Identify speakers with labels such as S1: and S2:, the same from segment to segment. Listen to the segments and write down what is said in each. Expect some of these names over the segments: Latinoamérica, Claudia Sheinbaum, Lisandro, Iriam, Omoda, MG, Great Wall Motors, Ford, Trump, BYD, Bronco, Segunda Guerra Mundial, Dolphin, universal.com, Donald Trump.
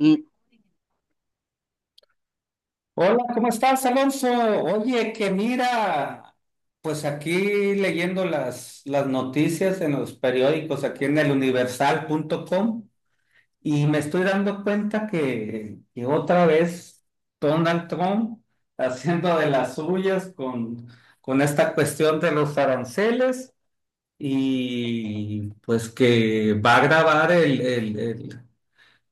S1: Mm.
S2: Hola, ¿cómo estás, Alonso? Oye, que mira, pues aquí leyendo las noticias en los periódicos, aquí en el universal.com, y me estoy dando cuenta que otra vez Donald Trump haciendo de las suyas con esta cuestión de los aranceles y pues que va a grabar el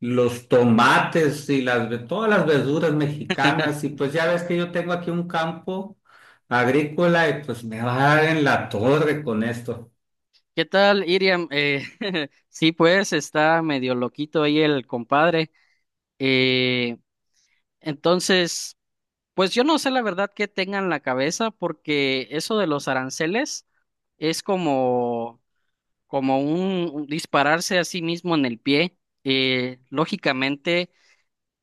S2: los tomates y todas las verduras mexicanas. Y pues ya ves que yo tengo aquí un campo agrícola y pues me va a dar en la torre con esto.
S1: ¿Qué tal, Iriam? Sí, pues está medio loquito ahí el compadre. Eh, entonces, pues yo no sé la verdad qué tenga en la cabeza, porque eso de los aranceles es como un dispararse a sí mismo en el pie. Lógicamente,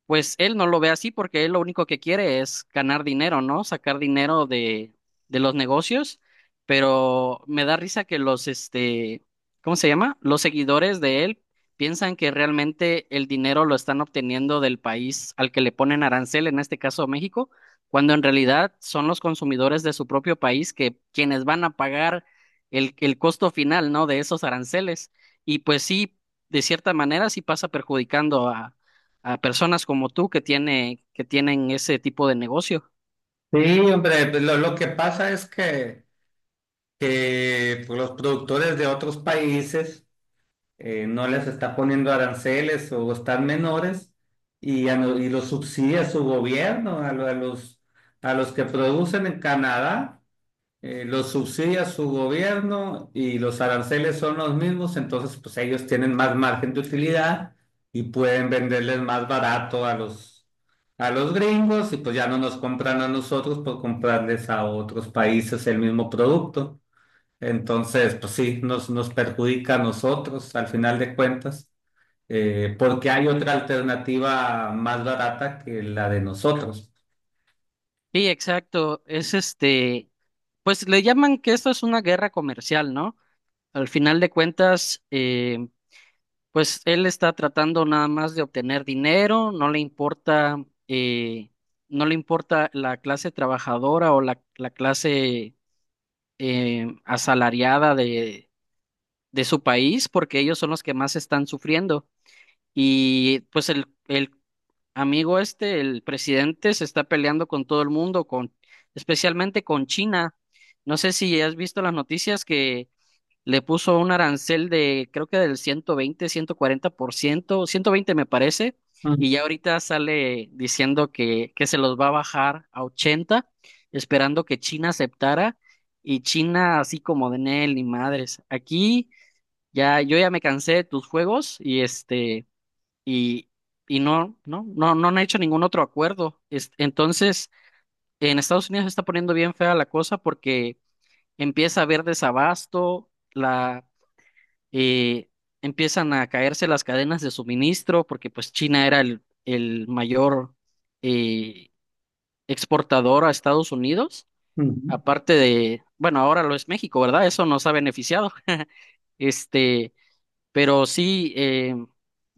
S1: pues él no lo ve así porque él lo único que quiere es ganar dinero, ¿no? Sacar dinero de los negocios, pero me da risa que ¿cómo se llama? Los seguidores de él piensan que realmente el dinero lo están obteniendo del país al que le ponen arancel, en este caso México, cuando en realidad son los consumidores de su propio país que quienes van a pagar el costo final, ¿no? De esos aranceles. Y pues sí, de cierta manera sí pasa perjudicando a personas como tú que tienen ese tipo de negocio.
S2: Sí, hombre, pues, lo que pasa es que, pues, los productores de otros países no les está poniendo aranceles o están menores y, a no- y los subsidia su gobierno a los que producen en Canadá. Los subsidia su gobierno y los aranceles son los mismos, entonces pues ellos tienen más margen de utilidad y pueden venderles más barato a a los gringos y pues ya no nos compran a nosotros por comprarles a otros países el mismo producto. Entonces, pues sí, nos perjudica a nosotros al final de cuentas, porque hay otra alternativa más barata que la de nosotros.
S1: Sí, exacto. Pues le llaman que esto es una guerra comercial, ¿no? Al final de cuentas, pues él está tratando nada más de obtener dinero, no le importa, eh, no le importa la clase trabajadora o la clase asalariada de su país, porque ellos son los que más están sufriendo. Y pues el amigo este, el presidente, se está peleando con todo el mundo, especialmente con China. No sé si has visto las noticias que le puso un arancel de, creo que del 120, 140%. 120 me parece, y ya ahorita sale diciendo que se los va a bajar a 80, esperando que China aceptara. Y China así como de Nel, ni madres. Aquí ya, yo ya me cansé de tus juegos y y, y no, no, no, no han hecho ningún otro acuerdo. Entonces, en Estados Unidos se está poniendo bien fea la cosa porque empieza a haber desabasto. Eh, Empiezan a caerse las cadenas de suministro porque pues China era el mayor eh, exportador a Estados Unidos,
S2: Ujú.
S1: aparte de, bueno, ahora lo es México, ¿verdad? Eso nos ha beneficiado. Este, pero sí,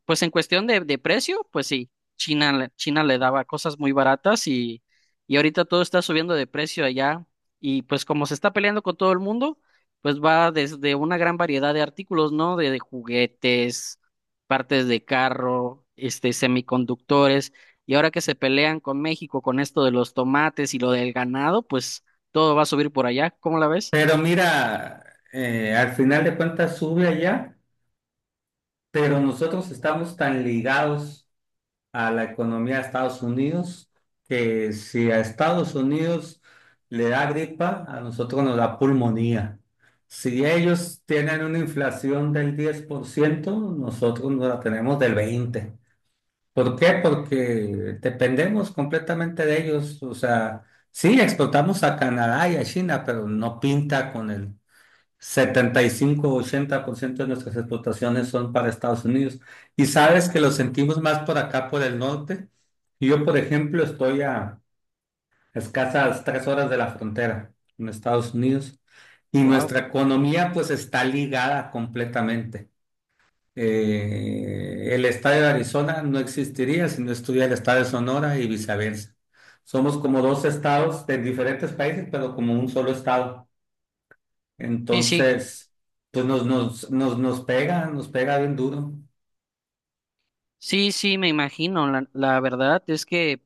S1: pues en cuestión de precio, pues sí, China le daba cosas muy baratas, y ahorita todo está subiendo de precio allá. Y pues como se está peleando con todo el mundo, pues va desde una gran variedad de artículos, ¿no? De juguetes, partes de carro, este, semiconductores. Y ahora que se pelean con México con esto de los tomates y lo del ganado, pues todo va a subir por allá. ¿Cómo la ves?
S2: Pero mira, al final de cuentas sube allá, pero nosotros estamos tan ligados a la economía de Estados Unidos que si a Estados Unidos le da gripa, a nosotros nos da pulmonía. Si ellos tienen una inflación del 10%, nosotros nos la tenemos del 20%. ¿Por ciento. ¿Por qué? Porque dependemos completamente de ellos. O sea, sí, exportamos a Canadá y a China, pero no pinta con el 75-80% de nuestras exportaciones son para Estados Unidos. Y sabes que lo sentimos más por acá, por el norte. Yo, por ejemplo, estoy a escasas 3 horas de la frontera en Estados Unidos. Y
S1: Wow.
S2: nuestra economía pues está ligada completamente. El estado de Arizona no existiría si no estuviera el estado de Sonora y viceversa. Somos como dos estados de diferentes países, pero como un solo estado.
S1: Sí, sí.
S2: Entonces, pues nos pega bien duro.
S1: Sí, sí, me imagino. La verdad es que,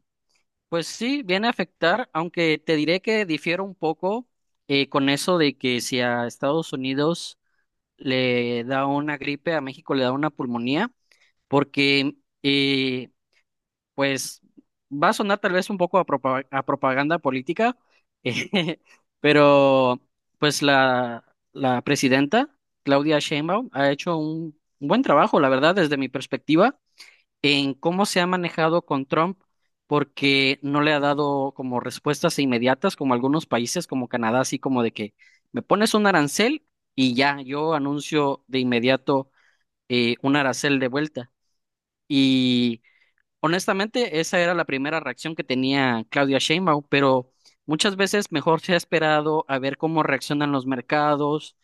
S1: pues sí, viene a afectar, aunque te diré que difiero un poco con eso de que si a Estados Unidos le da una gripe, a México le da una pulmonía, porque, eh, pues, va a sonar tal vez un poco a a propaganda política. eh, pero, pues, la presidenta, Claudia Sheinbaum, ha hecho un buen trabajo, la verdad, desde mi perspectiva, en cómo se ha manejado con Trump, porque no le ha dado como respuestas inmediatas, como algunos países, como Canadá, así como de que me pones un arancel y ya, yo anuncio de inmediato un arancel de vuelta. Y honestamente, esa era la primera reacción que tenía Claudia Sheinbaum, pero muchas veces mejor se ha esperado a ver cómo reaccionan los mercados.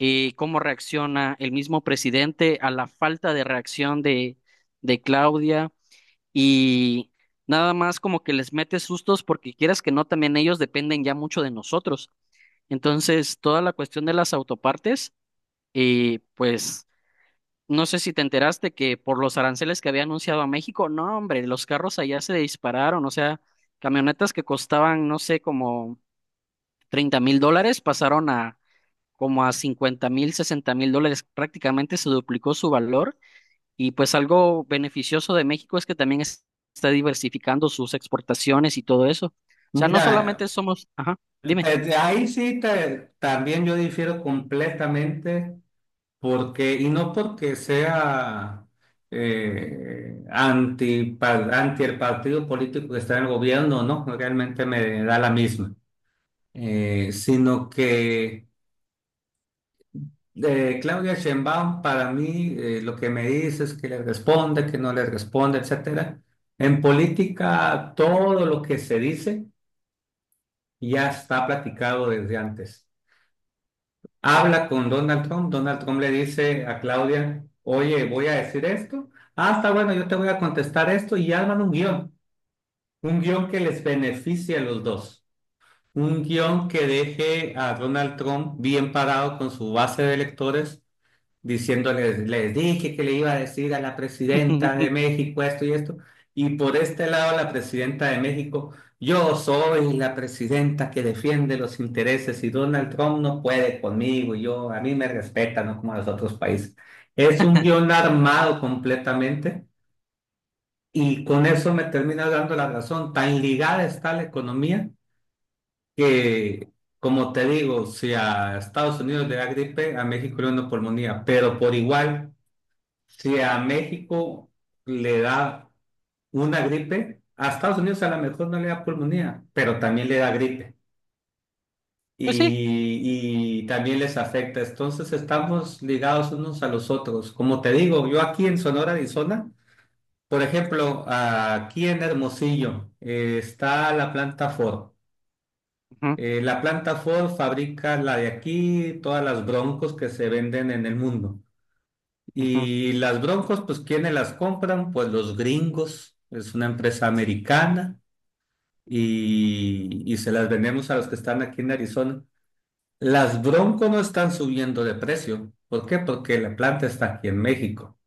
S1: Cómo reacciona el mismo presidente a la falta de reacción de Claudia, y nada más como que les metes sustos porque quieras que no, también ellos dependen ya mucho de nosotros. Entonces, toda la cuestión de las autopartes, pues no sé si te enteraste que por los aranceles que había anunciado a México, no, hombre, los carros allá se dispararon. O sea, camionetas que costaban, no sé, como $30,000 pasaron a como a 50,000, $60,000, prácticamente se duplicó su valor. Y pues algo beneficioso de México es que también está diversificando sus exportaciones y todo eso. O sea, no
S2: Mira,
S1: solamente somos, ajá, dime.
S2: pues, de ahí sí también yo difiero completamente, porque, y no porque sea anti el partido político que está en el gobierno, no, realmente me da la misma. Sino que de Claudia Sheinbaum, para mí, lo que me dice es que le responde, que no le responde, etcétera. En política, todo lo que se dice ya está platicado desde antes. Habla con Donald Trump, Donald Trump le dice a Claudia, oye, voy a decir esto. Ah, está bueno, yo te voy a contestar esto, y arman un guión que les beneficie a los dos, un guión que deje a Donald Trump bien parado con su base de electores diciéndoles, les dije que le iba a decir a la presidenta de México esto y esto, y por este lado la presidenta de México, yo soy la presidenta que defiende los intereses y Donald Trump no puede conmigo, y yo, a mí me respeta, no como a los otros países. Es un guión armado completamente y con eso me termina dando la razón. Tan ligada está la economía que, como te digo, si a Estados Unidos le da gripe, a México le da una pulmonía, pero por igual, si a México le da una gripe, a Estados Unidos a lo mejor no le da pulmonía, pero también le da gripe
S1: Pues sí.
S2: y también les afecta. Entonces estamos ligados unos a los otros. Como te digo, yo aquí en Sonora, Arizona, por ejemplo, aquí en Hermosillo, está la planta Ford.
S1: Ujú,
S2: La planta Ford fabrica la de aquí, todas las broncos que se venden en el mundo.
S1: ujú.
S2: Y las Broncos, pues, ¿quiénes las compran? Pues los gringos, es una empresa americana, y se las vendemos a los que están aquí en Arizona. Las Broncos no están subiendo de precio. ¿Por qué? Porque la planta está aquí en México.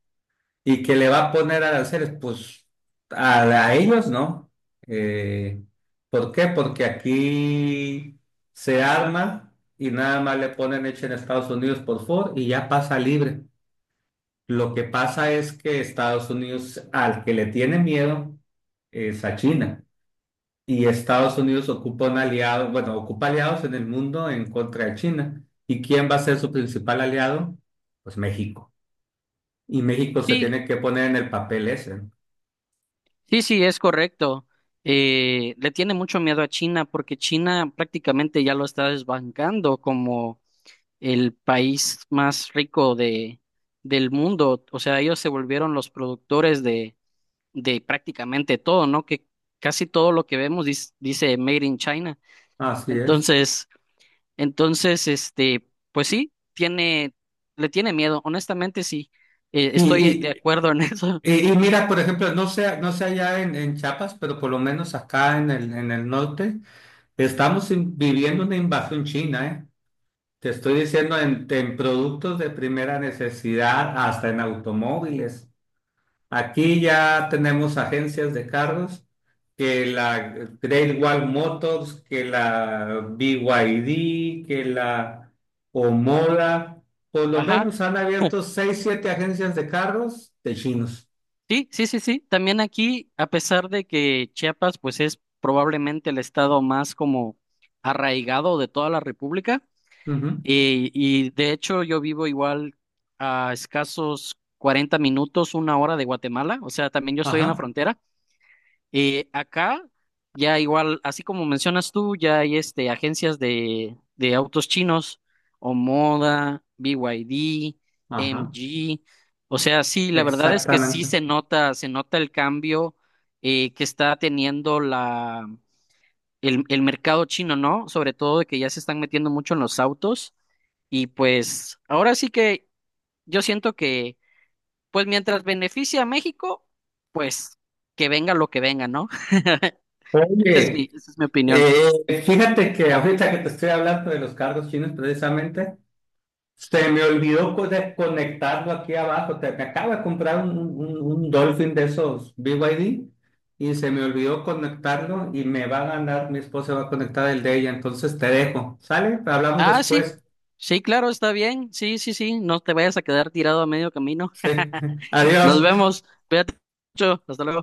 S2: ¿Y que le va a poner aranceles? Pues a ellos no. Eh, ¿Por qué? Porque aquí se arma y nada más le ponen hecho en Estados Unidos por Ford y ya pasa libre. Lo que pasa es que Estados Unidos, al que le tiene miedo, es a China. Y Estados Unidos ocupa un aliado, bueno, ocupa aliados en el mundo en contra de China. ¿Y quién va a ser su principal aliado? Pues México. Y México se
S1: Sí,
S2: tiene que poner en el papel ese, ¿no?
S1: sí, sí, es correcto. Le tiene mucho miedo a China porque China prácticamente ya lo está desbancando como el país más rico del mundo. O sea, ellos se volvieron los productores de prácticamente todo, ¿no? Que casi todo lo que vemos dice Made in China.
S2: Así es.
S1: Entonces, entonces, pues sí, tiene, le tiene miedo, honestamente sí,
S2: Y,
S1: estoy de
S2: y,
S1: acuerdo en eso.
S2: y mira, por ejemplo, no sé allá en Chiapas, pero por lo menos acá en en el norte, estamos viviendo una invasión china, ¿eh? Te estoy diciendo en productos de primera necesidad, hasta en automóviles. Aquí ya tenemos agencias de carros, que la Great Wall Motors, que la BYD, que la Omoda. Por lo
S1: Ajá,
S2: menos han abierto seis, siete agencias de carros de chinos.
S1: sí, sí, sí, sí. También aquí, a pesar de que Chiapas, pues es probablemente el estado más como arraigado de toda la República,
S2: Ujú.
S1: y de hecho yo vivo igual a escasos 40 minutos, 1 hora de Guatemala. O sea, también yo estoy en la
S2: Ajá,
S1: frontera. Acá ya igual, así como mencionas tú, ya hay este, agencias de autos chinos, Omoda, BYD,
S2: ajá,
S1: MG. O sea, sí, la verdad es que sí
S2: exactamente.
S1: se nota el cambio que está teniendo el mercado chino, ¿no? Sobre todo de que ya se están metiendo mucho en los autos. Y pues ahora sí que yo siento que, pues mientras beneficia a México, pues que venga lo que venga, ¿no? Esa es
S2: Oye,
S1: esa es mi opinión.
S2: fíjate que ahorita que te estoy hablando de los carros chinos precisamente. Se me olvidó desconectarlo aquí abajo. Me acabo de comprar un Dolphin de esos BYD y D y se me olvidó conectarlo y me va a ganar, mi esposa va a conectar el de ella. Entonces te dejo. ¿Sale? Hablamos
S1: Ah, sí.
S2: después.
S1: Sí, claro, está bien. Sí, sí, sí. No te vayas a quedar tirado a medio camino.
S2: Sí.
S1: Nos
S2: Adiós.
S1: vemos. Cuídate mucho. Hasta luego.